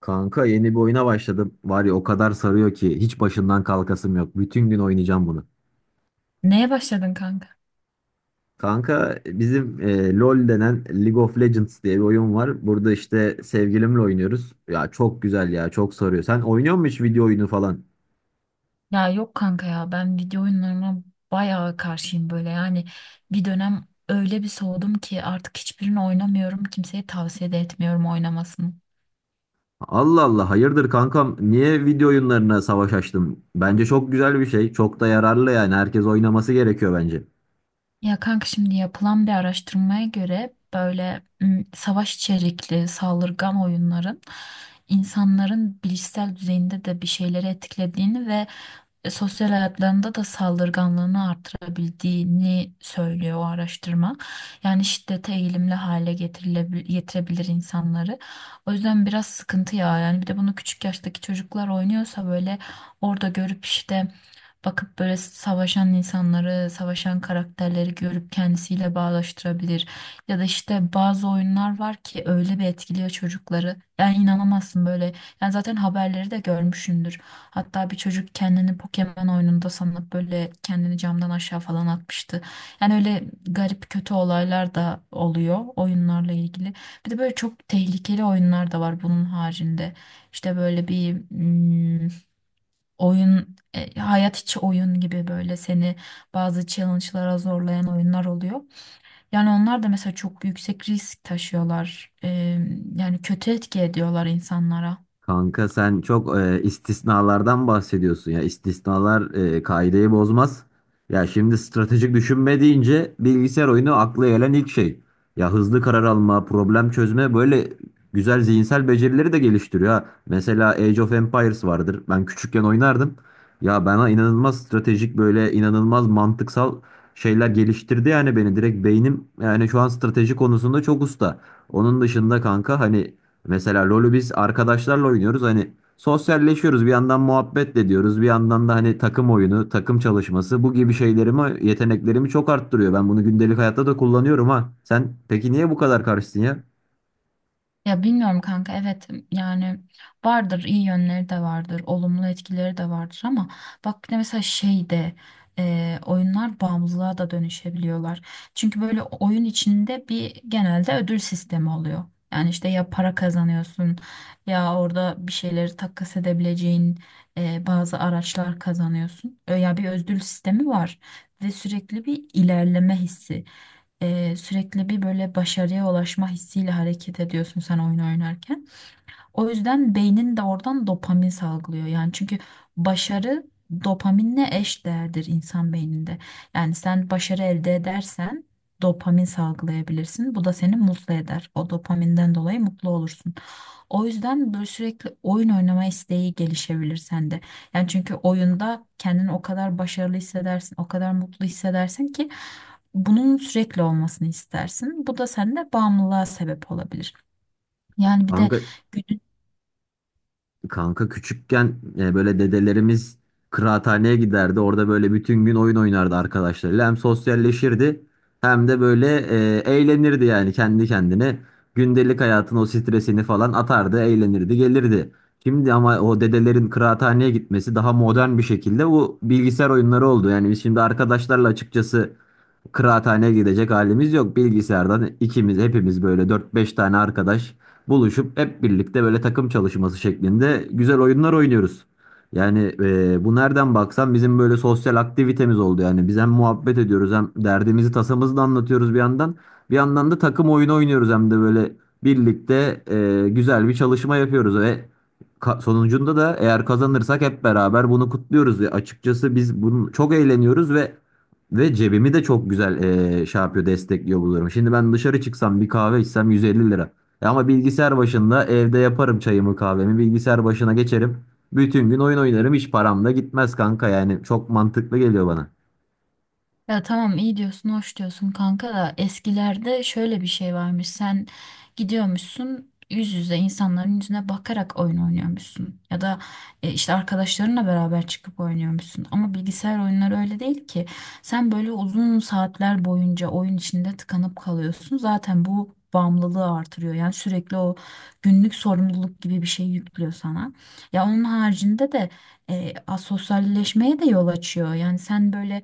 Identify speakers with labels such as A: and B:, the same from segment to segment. A: Kanka yeni bir oyuna başladım. Var ya o kadar sarıyor ki hiç başından kalkasım yok. Bütün gün oynayacağım bunu.
B: Neye başladın kanka?
A: Kanka bizim LoL denen League of Legends diye bir oyun var. Burada işte sevgilimle oynuyoruz. Ya çok güzel ya çok sarıyor. Sen oynuyor musun hiç video oyunu falan?
B: Ya yok kanka ya ben video oyunlarına bayağı karşıyım böyle yani bir dönem öyle bir soğudum ki artık hiçbirini oynamıyorum kimseye tavsiye de etmiyorum oynamasını.
A: Allah Allah hayırdır kankam niye video oyunlarına savaş açtın? Bence çok güzel bir şey. Çok da yararlı yani herkes oynaması gerekiyor bence.
B: Ya kanka şimdi yapılan bir araştırmaya göre böyle savaş içerikli saldırgan oyunların insanların bilişsel düzeyinde de bir şeyleri etkilediğini ve sosyal hayatlarında da saldırganlığını artırabildiğini söylüyor o araştırma. Yani şiddete eğilimli hale getirebilir insanları. O yüzden biraz sıkıntı ya, yani bir de bunu küçük yaştaki çocuklar oynuyorsa böyle orada görüp işte bakıp böyle savaşan insanları, savaşan karakterleri görüp kendisiyle bağdaştırabilir. Ya da işte bazı oyunlar var ki öyle bir etkiliyor çocukları. Yani inanamazsın böyle. Yani zaten haberleri de görmüşsündür. Hatta bir çocuk kendini Pokemon oyununda sanıp böyle kendini camdan aşağı falan atmıştı. Yani öyle garip kötü olaylar da oluyor oyunlarla ilgili. Bir de böyle çok tehlikeli oyunlar da var bunun haricinde. İşte böyle bir oyun, hayat içi oyun gibi böyle seni bazı challenge'lara zorlayan oyunlar oluyor. Yani onlar da mesela çok yüksek risk taşıyorlar. Yani kötü etki ediyorlar insanlara.
A: Kanka sen çok istisnalardan bahsediyorsun ya. İstisnalar kaideyi bozmaz. Ya şimdi stratejik düşünme deyince bilgisayar oyunu akla gelen ilk şey. Ya hızlı karar alma, problem çözme böyle güzel zihinsel becerileri de geliştiriyor ha. Mesela Age of Empires vardır. Ben küçükken oynardım. Ya bana inanılmaz stratejik böyle inanılmaz mantıksal şeyler geliştirdi yani beni direkt beynim yani şu an strateji konusunda çok usta. Onun dışında kanka hani mesela LoL'ü biz arkadaşlarla oynuyoruz. Hani sosyalleşiyoruz. Bir yandan muhabbet de ediyoruz. Bir yandan da hani takım oyunu, takım çalışması bu gibi şeylerimi, yeteneklerimi çok arttırıyor. Ben bunu gündelik hayatta da kullanıyorum ha. Sen peki niye bu kadar karşısın ya?
B: Ya bilmiyorum kanka, evet yani vardır, iyi yönleri de vardır, olumlu etkileri de vardır ama bak bir de mesela şeyde, oyunlar bağımlılığa da dönüşebiliyorlar. Çünkü böyle oyun içinde bir genelde ödül sistemi oluyor. Yani işte ya para kazanıyorsun ya orada bir şeyleri takas edebileceğin bazı araçlar kazanıyorsun. Ya bir ödül sistemi var ve sürekli bir ilerleme hissi, sürekli bir böyle başarıya ulaşma hissiyle hareket ediyorsun sen oyun oynarken. O yüzden beynin de oradan dopamin salgılıyor. Yani çünkü başarı dopaminle eş değerdir insan beyninde. Yani sen başarı elde edersen dopamin salgılayabilirsin. Bu da seni mutlu eder. O dopaminden dolayı mutlu olursun. O yüzden böyle sürekli oyun oynama isteği gelişebilir sende. Yani çünkü oyunda kendini o kadar başarılı hissedersin, o kadar mutlu hissedersin ki bunun sürekli olmasını istersin. Bu da sende bağımlılığa sebep olabilir. Yani bir de.
A: Kanka Kanka küçükken böyle dedelerimiz kıraathaneye giderdi. Orada böyle bütün gün oyun oynardı arkadaşlarıyla. Hem sosyalleşirdi hem de böyle eğlenirdi yani kendi kendine. Gündelik hayatın o stresini falan atardı, eğlenirdi, gelirdi. Şimdi ama o dedelerin kıraathaneye gitmesi daha modern bir şekilde bu bilgisayar oyunları oldu. Yani biz şimdi arkadaşlarla açıkçası kıraathaneye gidecek halimiz yok. Bilgisayardan ikimiz hepimiz böyle dört beş tane arkadaş buluşup hep birlikte böyle takım çalışması şeklinde güzel oyunlar oynuyoruz. Yani bu nereden baksan bizim böyle sosyal aktivitemiz oldu yani. Biz hem muhabbet ediyoruz hem derdimizi tasamızı da anlatıyoruz bir yandan. Bir yandan da takım oyunu oynuyoruz hem de böyle birlikte güzel bir çalışma yapıyoruz ve sonucunda da eğer kazanırsak hep beraber bunu kutluyoruz. Ve açıkçası biz bunu çok eğleniyoruz ve cebimi de çok güzel şey yapıyor, destekliyor bu durum. Şimdi ben dışarı çıksam bir kahve içsem 150 lira. E ama bilgisayar başında evde yaparım çayımı kahvemi bilgisayar başına geçerim. Bütün gün oyun oynarım hiç param da gitmez kanka yani çok mantıklı geliyor bana.
B: Ya tamam iyi diyorsun, hoş diyorsun kanka da eskilerde şöyle bir şey varmış. Sen gidiyormuşsun yüz yüze insanların yüzüne bakarak oyun oynuyormuşsun. Ya da işte arkadaşlarınla beraber çıkıp oynuyormuşsun. Ama bilgisayar oyunları öyle değil ki. Sen böyle uzun saatler boyunca oyun içinde tıkanıp kalıyorsun. Zaten bu bağımlılığı artırıyor. Yani sürekli o günlük sorumluluk gibi bir şey yüklüyor sana. Ya onun haricinde de asosyalleşmeye de yol açıyor. Yani sen böyle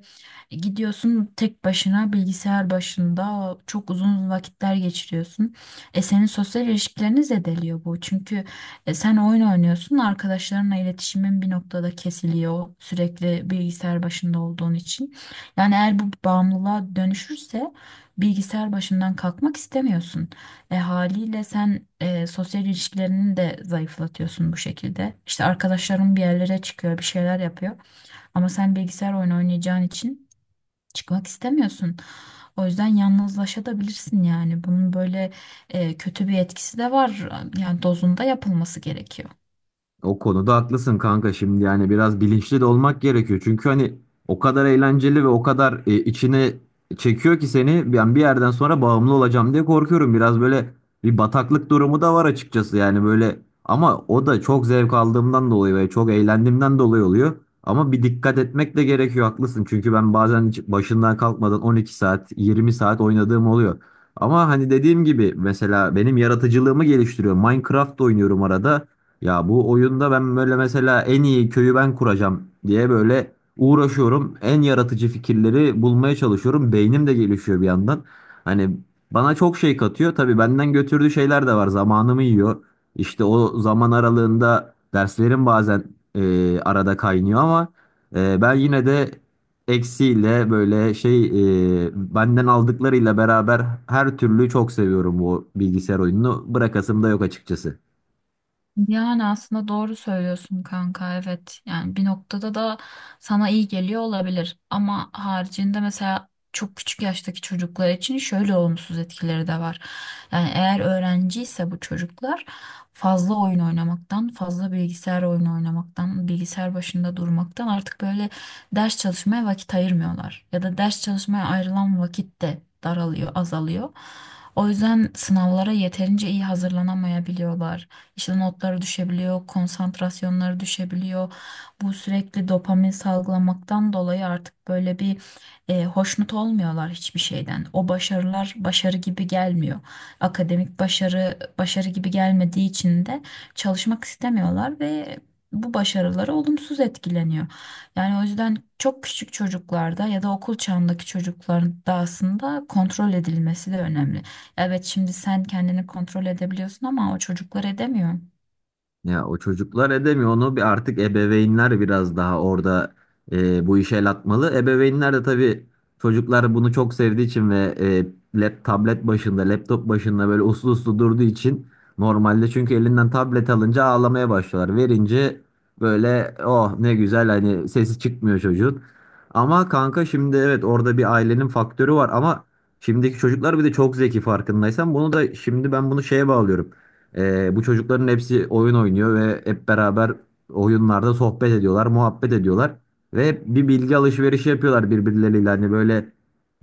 B: gidiyorsun, tek başına bilgisayar başında çok uzun vakitler geçiriyorsun. E, senin sosyal ilişkilerini zedeliyor bu. Çünkü sen oyun oynuyorsun, arkadaşlarınla iletişimin bir noktada kesiliyor sürekli bilgisayar başında olduğun için. Yani eğer bu bağımlılığa dönüşürse bilgisayar başından kalkmak istemiyorsun. E, haliyle sen sosyal ilişkilerini de zayıflatıyorsun bu şekilde. İşte arkadaşların bir yerlere çıkıyor, bir şeyler yapıyor ama sen bilgisayar oyunu oynayacağın için çıkmak istemiyorsun. O yüzden yalnızlaşabilirsin yani. Bunun böyle kötü bir etkisi de var. Yani dozunda yapılması gerekiyor.
A: O konuda haklısın kanka şimdi yani biraz bilinçli de olmak gerekiyor. Çünkü hani o kadar eğlenceli ve o kadar içine çekiyor ki seni ben bir yerden sonra bağımlı olacağım diye korkuyorum. Biraz böyle bir bataklık durumu da var açıkçası yani böyle ama o da çok zevk aldığımdan dolayı ve çok eğlendiğimden dolayı oluyor. Ama bir dikkat etmek de gerekiyor haklısın. Çünkü ben bazen hiç başından kalkmadan 12 saat 20 saat oynadığım oluyor. Ama hani dediğim gibi mesela benim yaratıcılığımı geliştiriyor. Minecraft oynuyorum arada. Ya bu oyunda ben böyle mesela en iyi köyü ben kuracağım diye böyle uğraşıyorum. En yaratıcı fikirleri bulmaya çalışıyorum. Beynim de gelişiyor bir yandan. Hani bana çok şey katıyor. Tabii benden götürdüğü şeyler de var. Zamanımı yiyor. İşte o zaman aralığında derslerim bazen arada kaynıyor ama ben yine de eksiyle böyle şey benden aldıklarıyla beraber her türlü çok seviyorum bu bilgisayar oyununu. Bırakasım da yok açıkçası.
B: Yani aslında doğru söylüyorsun kanka, evet yani bir noktada da sana iyi geliyor olabilir ama haricinde mesela çok küçük yaştaki çocuklar için şöyle olumsuz etkileri de var. Yani eğer öğrenciyse bu çocuklar fazla oyun oynamaktan, fazla bilgisayar oyunu oynamaktan, bilgisayar başında durmaktan artık böyle ders çalışmaya vakit ayırmıyorlar. Ya da ders çalışmaya ayrılan vakit de daralıyor, azalıyor. O yüzden sınavlara yeterince iyi hazırlanamayabiliyorlar. İşte notları düşebiliyor, konsantrasyonları düşebiliyor. Bu sürekli dopamin salgılamaktan dolayı artık böyle bir hoşnut olmuyorlar hiçbir şeyden. O başarılar başarı gibi gelmiyor. Akademik başarı başarı gibi gelmediği için de çalışmak istemiyorlar ve bu başarıları olumsuz etkileniyor. Yani o yüzden çok küçük çocuklarda ya da okul çağındaki çocukların da aslında kontrol edilmesi de önemli. Evet, şimdi sen kendini kontrol edebiliyorsun ama o çocuklar edemiyor.
A: Ya o çocuklar edemiyor onu bir artık ebeveynler biraz daha orada bu işe el atmalı. Ebeveynler de tabii çocuklar bunu çok sevdiği için ve tablet başında, laptop başında böyle uslu uslu durduğu için normalde çünkü elinden tablet alınca ağlamaya başlıyorlar. Verince böyle oh ne güzel hani sesi çıkmıyor çocuğun. Ama kanka şimdi evet orada bir ailenin faktörü var ama şimdiki çocuklar bir de çok zeki farkındaysan bunu da şimdi ben bunu şeye bağlıyorum. Bu çocukların hepsi oyun oynuyor ve hep beraber oyunlarda sohbet ediyorlar, muhabbet ediyorlar ve hep bir bilgi alışverişi yapıyorlar birbirleriyle. Hani böyle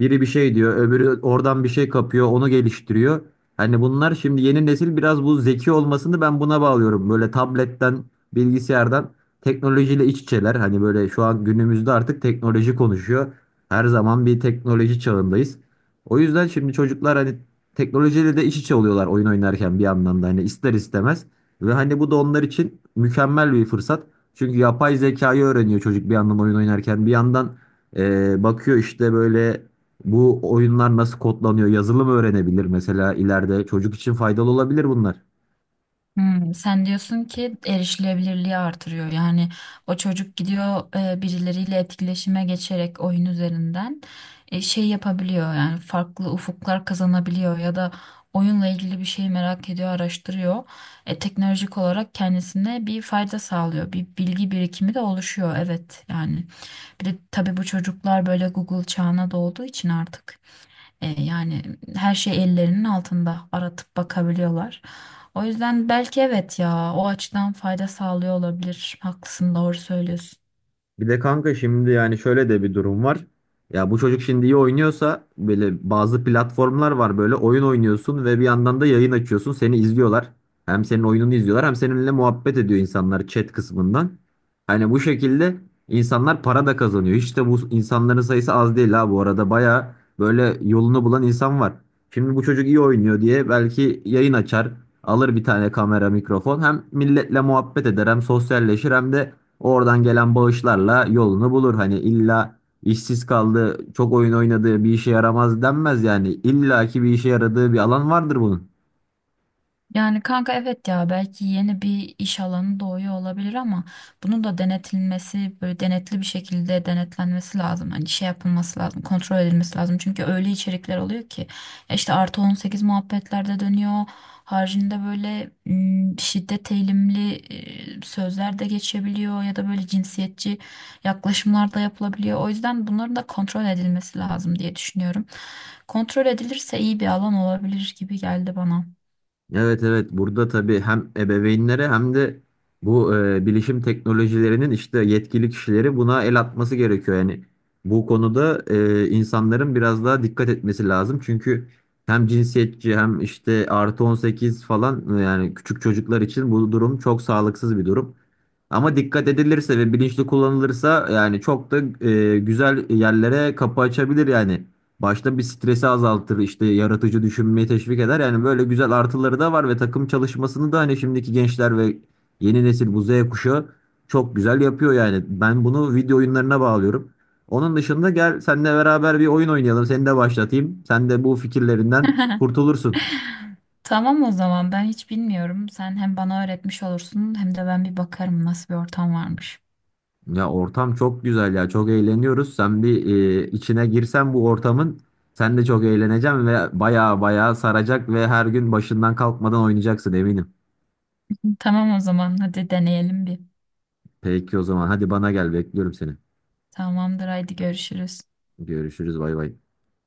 A: biri bir şey diyor, öbürü oradan bir şey kapıyor, onu geliştiriyor. Hani bunlar şimdi yeni nesil biraz bu zeki olmasını ben buna bağlıyorum. Böyle tabletten, bilgisayardan teknolojiyle iç içeler. Hani böyle şu an günümüzde artık teknoloji konuşuyor. Her zaman bir teknoloji çağındayız. O yüzden şimdi çocuklar hani teknolojiyle de iç içe oluyorlar oyun oynarken bir yandan da hani ister istemez ve hani bu da onlar için mükemmel bir fırsat. Çünkü yapay zekayı öğreniyor çocuk bir yandan oyun oynarken bir yandan bakıyor işte böyle bu oyunlar nasıl kodlanıyor yazılım öğrenebilir mesela ileride çocuk için faydalı olabilir bunlar.
B: Hmm, sen diyorsun ki erişilebilirliği artırıyor. Yani o çocuk gidiyor birileriyle etkileşime geçerek oyun üzerinden şey yapabiliyor. Yani farklı ufuklar kazanabiliyor ya da oyunla ilgili bir şeyi merak ediyor, araştırıyor. E, teknolojik olarak kendisine bir fayda sağlıyor. Bir bilgi birikimi de oluşuyor. Evet yani bir de tabii bu çocuklar böyle Google çağına doğduğu için artık. E, yani her şey ellerinin altında, aratıp bakabiliyorlar. O yüzden belki evet ya o açıdan fayda sağlıyor olabilir. Haklısın, doğru söylüyorsun.
A: Bir de kanka şimdi yani şöyle de bir durum var. Ya bu çocuk şimdi iyi oynuyorsa böyle bazı platformlar var böyle oyun oynuyorsun ve bir yandan da yayın açıyorsun seni izliyorlar. Hem senin oyununu izliyorlar hem seninle muhabbet ediyor insanlar chat kısmından. Hani bu şekilde insanlar para da kazanıyor. Hiç de bu insanların sayısı az değil ha bu arada baya böyle yolunu bulan insan var. Şimdi bu çocuk iyi oynuyor diye belki yayın açar alır bir tane kamera mikrofon hem milletle muhabbet eder hem sosyalleşir hem de oradan gelen bağışlarla yolunu bulur. Hani illa işsiz kaldı, çok oyun oynadığı bir işe yaramaz denmez yani. İlla ki bir işe yaradığı bir alan vardır bunun.
B: Yani kanka, evet ya belki yeni bir iş alanı doğuyor olabilir ama bunun da denetilmesi, böyle denetli bir şekilde denetlenmesi lazım. Hani şey yapılması lazım, kontrol edilmesi lazım. Çünkü öyle içerikler oluyor ki ya işte +18 muhabbetlerde dönüyor. Haricinde böyle şiddet eğilimli sözler de geçebiliyor ya da böyle cinsiyetçi yaklaşımlar da yapılabiliyor. O yüzden bunların da kontrol edilmesi lazım diye düşünüyorum. Kontrol edilirse iyi bir alan olabilir gibi geldi bana.
A: Evet, evet, burada tabii hem ebeveynlere hem de bu bilişim teknolojilerinin işte yetkili kişileri buna el atması gerekiyor. Yani bu konuda insanların biraz daha dikkat etmesi lazım. Çünkü hem cinsiyetçi hem işte +18 falan yani küçük çocuklar için bu durum çok sağlıksız bir durum. Ama dikkat edilirse ve bilinçli kullanılırsa yani çok da güzel yerlere kapı açabilir yani. Başta bir stresi azaltır, işte yaratıcı düşünmeyi teşvik eder. Yani böyle güzel artıları da var ve takım çalışmasını da hani şimdiki gençler ve yeni nesil bu Z kuşağı çok güzel yapıyor yani. Ben bunu video oyunlarına bağlıyorum. Onun dışında gel seninle beraber bir oyun oynayalım. Seni de başlatayım. Sen de bu fikirlerinden kurtulursun.
B: Tamam o zaman, ben hiç bilmiyorum. Sen hem bana öğretmiş olursun hem de ben bir bakarım nasıl bir ortam varmış.
A: Ya ortam çok güzel ya. Çok eğleniyoruz. Sen bir içine girsen bu ortamın sen de çok eğleneceksin ve baya baya saracak ve her gün başından kalkmadan oynayacaksın eminim.
B: Tamam o zaman hadi deneyelim bir.
A: Peki o zaman hadi bana gel bekliyorum seni.
B: Tamamdır, haydi görüşürüz.
A: Görüşürüz, bay bay.